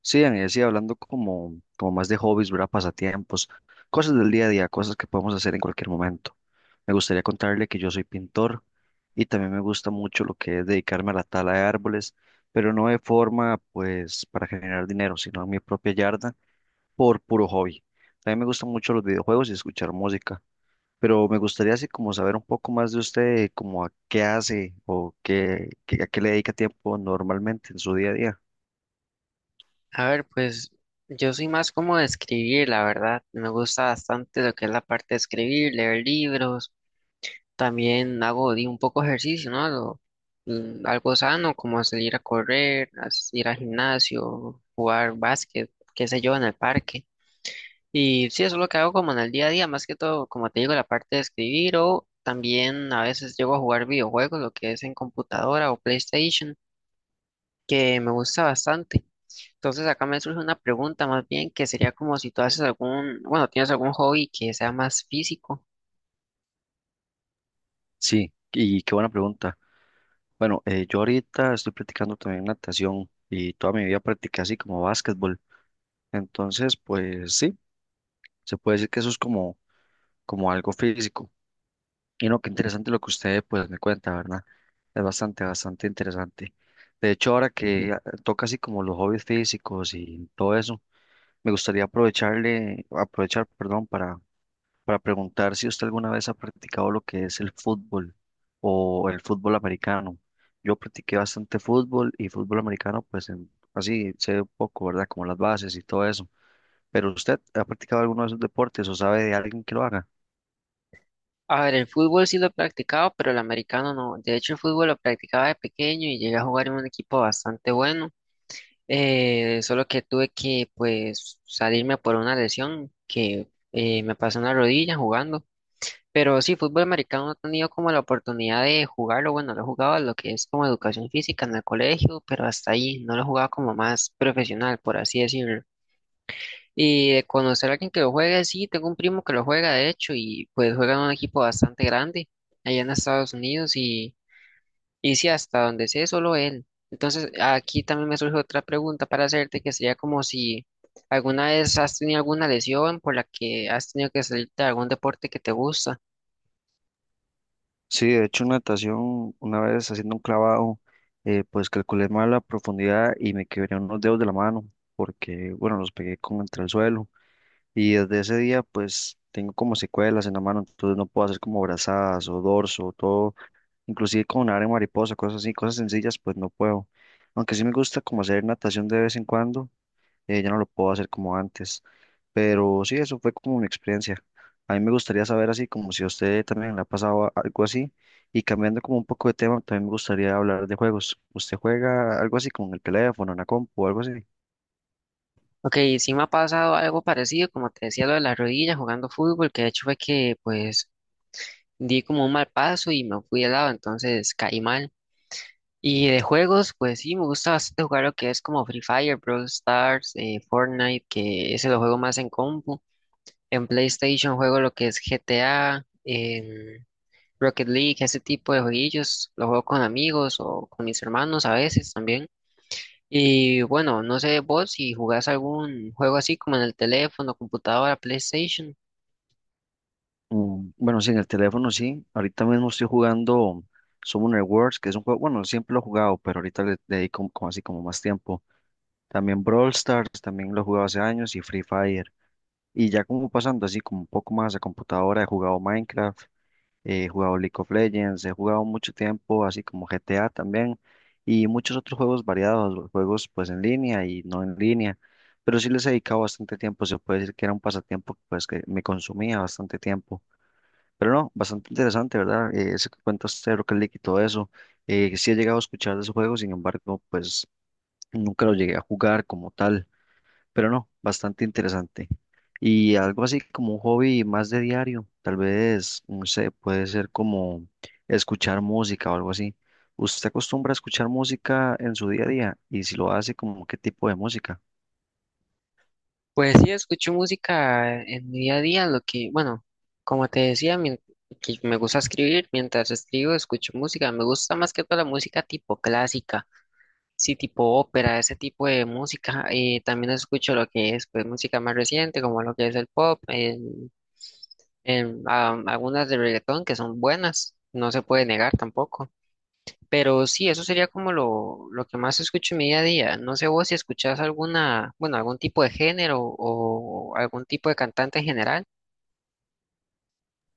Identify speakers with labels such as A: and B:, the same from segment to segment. A: Sí, Dani, decía, hablando como, como más de hobbies, ¿verdad? Pasatiempos, cosas del día a día, cosas que podemos hacer en cualquier momento. Me gustaría contarle que yo soy pintor y también me gusta mucho lo que es dedicarme a la tala de árboles, pero no de forma, pues, para generar dinero, sino en mi propia yarda por puro hobby. También me gustan mucho los videojuegos y escuchar música, pero me gustaría así como saber un poco más de usted, como a qué hace o qué, a qué le dedica tiempo normalmente en su día a día.
B: A ver, pues yo soy más como de escribir, la verdad. Me gusta bastante lo que es la parte de escribir, leer libros. También hago un poco ejercicio, ¿no? Algo sano, como salir a correr, ir al gimnasio, jugar básquet, qué sé yo, en el parque. Y sí, eso es lo que hago como en el día a día, más que todo, como te digo, la parte de escribir o también a veces llego a jugar videojuegos, lo que es en computadora o PlayStation, que me gusta bastante. Entonces acá me surge una pregunta más bien que sería como si tú haces algún, bueno, tienes algún hobby que sea más físico.
A: Sí, ¿y qué buena pregunta? Bueno, yo ahorita estoy practicando también natación y toda mi vida practiqué así como básquetbol. Entonces, pues sí, se puede decir que eso es como, como algo físico. Y no, qué interesante lo que usted pues me cuenta, ¿verdad? Es bastante, bastante interesante. De hecho, ahora que toca así como los hobbies físicos y todo eso, me gustaría aprovecharle, aprovechar, perdón, para preguntar si usted alguna vez ha practicado lo que es el fútbol o el fútbol americano. Yo practiqué bastante fútbol y fútbol americano, pues así sé un poco, ¿verdad? Como las bases y todo eso. Pero usted ha practicado alguno de esos deportes o sabe de alguien que lo haga.
B: A ver, el fútbol sí lo he practicado, pero el americano no. De hecho, el fútbol lo practicaba de pequeño y llegué a jugar en un equipo bastante bueno. Solo que tuve que pues salirme por una lesión que me pasó en la rodilla jugando. Pero sí, fútbol americano no he tenido como la oportunidad de jugarlo. Bueno, lo he jugado a lo que es como educación física en el colegio, pero hasta ahí no lo he jugado como más profesional, por así decirlo. Y de conocer a alguien que lo juegue, sí, tengo un primo que lo juega, de hecho, y pues juega en un equipo bastante grande allá en Estados Unidos y sí, hasta donde sé, solo él. Entonces, aquí también me surge otra pregunta para hacerte, que sería como si alguna vez has tenido alguna lesión por la que has tenido que salir de algún deporte que te gusta.
A: Sí, de hecho, en natación, una vez haciendo un clavado, pues calculé mal la profundidad y me quebré unos dedos de la mano porque, bueno, los pegué como entre el suelo. Y desde ese día, pues tengo como secuelas en la mano, entonces no puedo hacer como brazadas o dorso o todo, inclusive con área mariposa, cosas así, cosas sencillas, pues no puedo. Aunque sí me gusta como hacer natación de vez en cuando, ya no lo puedo hacer como antes. Pero sí, eso fue como una experiencia. A mí me gustaría saber así, como si a usted también le ha pasado algo así. Y cambiando como un poco de tema, también me gustaría hablar de juegos. ¿Usted juega algo así como en el teléfono, en la compu o algo así?
B: Ok, sí me ha pasado algo parecido, como te decía, lo de la rodilla jugando fútbol, que de hecho fue que pues di como un mal paso y me fui de lado, entonces caí mal. Y de juegos, pues sí, me gusta bastante jugar lo que es como Free Fire, Brawl Stars, Fortnite, que ese lo juego más en compu. En PlayStation juego lo que es GTA, Rocket League, ese tipo de jueguillos. Lo juego con amigos o con mis hermanos a veces también. Y bueno, no sé vos si jugás algún juego así como en el teléfono, computadora, PlayStation.
A: Bueno, sí, en el teléfono sí. Ahorita mismo estoy jugando Summoner Wars, que es un juego, bueno, siempre lo he jugado, pero ahorita le dedico como como así como más tiempo. También Brawl Stars, también lo he jugado hace años y Free Fire. Y ya como pasando así como un poco más a computadora, he jugado Minecraft, he jugado League of Legends, he jugado mucho tiempo así como GTA también y muchos otros juegos variados, los juegos pues en línea y no en línea. Pero sí les he dedicado bastante tiempo, se puede decir que era un pasatiempo pues que me consumía bastante tiempo. Pero no, bastante interesante, ¿verdad? Eso que cuenta usted, Rocket League y todo eso. Sí he llegado a escuchar de ese juego, sin embargo, pues nunca lo llegué a jugar como tal. Pero no, bastante interesante. Y algo así como un hobby más de diario, tal vez, no sé, puede ser como escuchar música o algo así. ¿Usted acostumbra a escuchar música en su día a día? Y si lo hace, ¿como qué tipo de música?
B: Pues sí, escucho música en mi día a día, lo que, bueno, como te decía, que me gusta escribir, mientras escribo escucho música, me gusta más que todo la música tipo clásica, sí, tipo ópera, ese tipo de música, y también escucho lo que es, pues, música más reciente, como lo que es el pop, algunas de reggaetón que son buenas, no se puede negar tampoco. Pero sí, eso sería como lo que más escucho en mi día a día. No sé vos si escuchás alguna, bueno, algún tipo de género o algún tipo de cantante en general.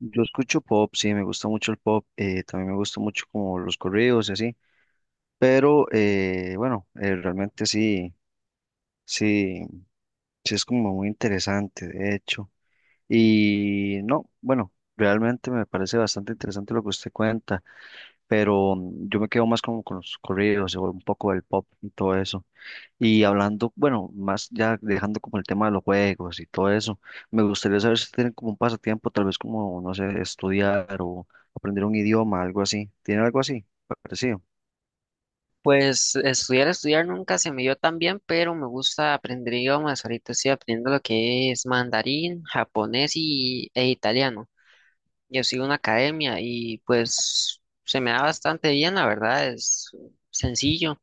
A: Yo escucho pop, sí, me gusta mucho el pop, también me gusta mucho como los corridos y así. Pero bueno, realmente sí, sí, sí es como muy interesante, de hecho. Y no, bueno, realmente me parece bastante interesante lo que usted cuenta, pero yo me quedo más como con los corridos, o un poco del pop y todo eso. Y hablando, bueno, más ya dejando como el tema de los juegos y todo eso, me gustaría saber si tienen como un pasatiempo, tal vez como, no sé, estudiar o aprender un idioma, algo así. ¿Tiene algo así? Parecido.
B: Pues estudiar nunca se me dio tan bien, pero me gusta aprender idiomas. Ahorita estoy aprendiendo lo que es mandarín, japonés e italiano. Yo sigo una academia y pues se me da bastante bien, la verdad, es sencillo.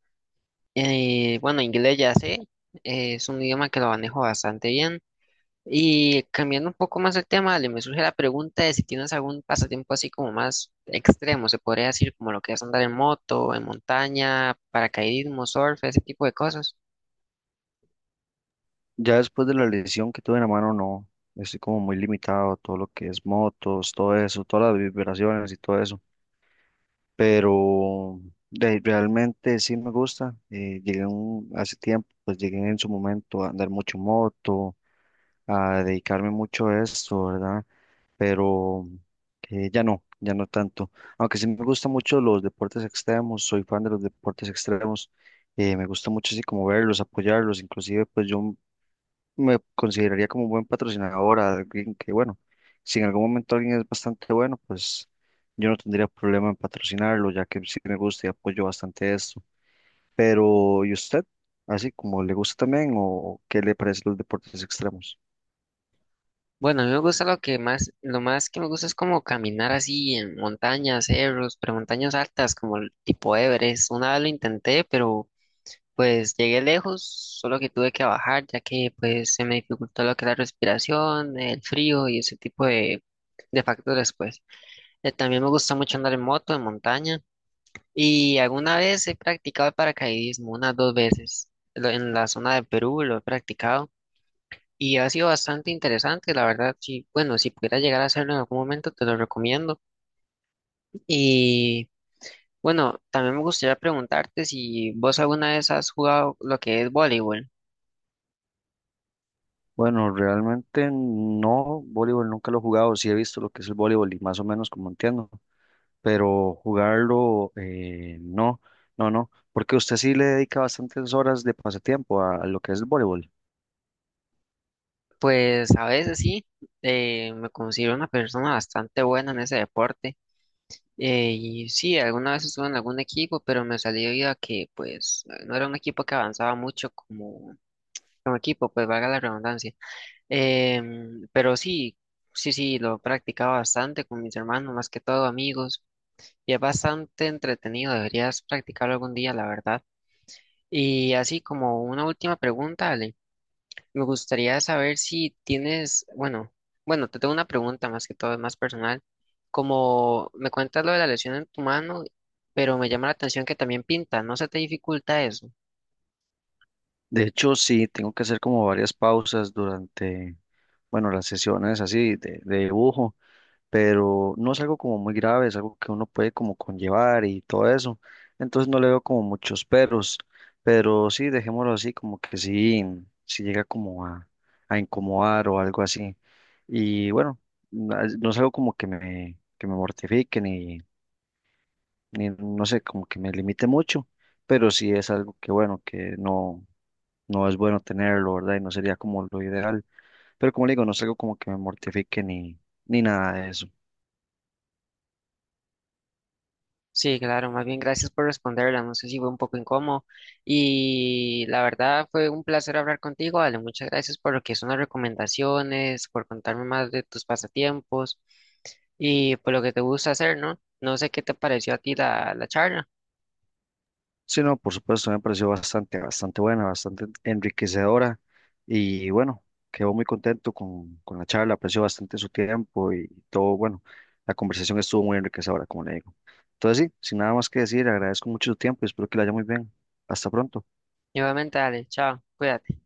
B: Bueno, inglés ya sé, es un idioma que lo manejo bastante bien. Y cambiando un poco más el tema, Ale, me surge la pregunta de si tienes algún pasatiempo así como más extremo, se podría decir como lo que es andar en moto, en montaña, paracaidismo, surf, ese tipo de cosas.
A: Ya después de la lesión que tuve en la mano, no. Estoy como muy limitado todo lo que es motos, todo eso, todas las vibraciones y todo eso. Pero realmente sí me gusta. Eh, hace tiempo, pues llegué en su momento a andar mucho moto, a dedicarme mucho a esto, ¿verdad? Pero que ya no, ya no tanto. Aunque sí me gustan mucho los deportes extremos, soy fan de los deportes extremos. Eh, me gusta mucho así como verlos, apoyarlos. Inclusive, pues yo me consideraría como un buen patrocinador, alguien que, bueno, si en algún momento alguien es bastante bueno, pues yo no tendría problema en patrocinarlo, ya que sí me gusta y apoyo bastante esto. Pero ¿y usted? ¿Así como le gusta también o qué le parecen los deportes extremos?
B: Bueno, a mí me gusta lo más que me gusta es como caminar así en montañas, cerros, pero montañas altas como el tipo Everest. Una vez lo intenté, pero pues llegué lejos, solo que tuve que bajar ya que pues se me dificultó lo que es la respiración, el frío y ese tipo de factores, pues. También me gusta mucho andar en moto, en montaña. Y alguna vez he practicado el paracaidismo, unas 2 veces. En la zona de Perú lo he practicado. Y ha sido bastante interesante, la verdad. Sí, bueno, si pudiera llegar a hacerlo en algún momento, te lo recomiendo. Y bueno, también me gustaría preguntarte si vos alguna vez has jugado lo que es voleibol.
A: Bueno, realmente no, voleibol nunca lo he jugado, sí he visto lo que es el voleibol y más o menos como entiendo, pero jugarlo no, no, no, porque usted sí le dedica bastantes horas de pasatiempo a lo que es el voleibol.
B: Pues a veces sí, me considero una persona bastante buena en ese deporte. Y sí, alguna vez estuve en algún equipo, pero me salió vida que, pues, no era un equipo que avanzaba mucho como, como equipo, pues, valga la redundancia. Pero sí, sí, lo practicaba bastante con mis hermanos, más que todo amigos, y es bastante entretenido, deberías practicarlo algún día, la verdad. Y así como una última pregunta, Ale. Me gustaría saber si tienes, bueno, te tengo una pregunta más que todo, es más personal. Como me cuentas lo de la lesión en tu mano, pero me llama la atención que también pinta, ¿no se te dificulta eso?
A: De hecho, sí, tengo que hacer como varias pausas durante, bueno, las sesiones así de dibujo, pero no es algo como muy grave, es algo que uno puede como conllevar y todo eso. Entonces no le veo como muchos peros, pero sí, dejémoslo así, como que sí, sí llega como a incomodar o algo así. Y bueno, no es algo como que me mortifique ni, ni, no sé, como que me limite mucho, pero sí es algo que, bueno, que no no es bueno tenerlo, ¿verdad? Y no sería como lo ideal. Pero como le digo, no es algo como que me mortifique ni, ni nada de eso.
B: Sí, claro, más bien gracias por responderla, no sé si fue un poco incómodo y la verdad fue un placer hablar contigo, Ale, muchas gracias por lo que son las recomendaciones, por contarme más de tus pasatiempos y por lo que te gusta hacer, ¿no? No sé qué te pareció a ti la charla.
A: Sí, no, por supuesto, me pareció bastante, bastante buena, bastante enriquecedora. Y bueno, quedó muy contento con la charla, aprecio bastante su tiempo y todo, bueno, la conversación estuvo muy enriquecedora, como le digo. Entonces, sí, sin nada más que decir, agradezco mucho su tiempo y espero que le haya muy bien. Hasta pronto.
B: Nuevamente, Ale, chao, cuídate.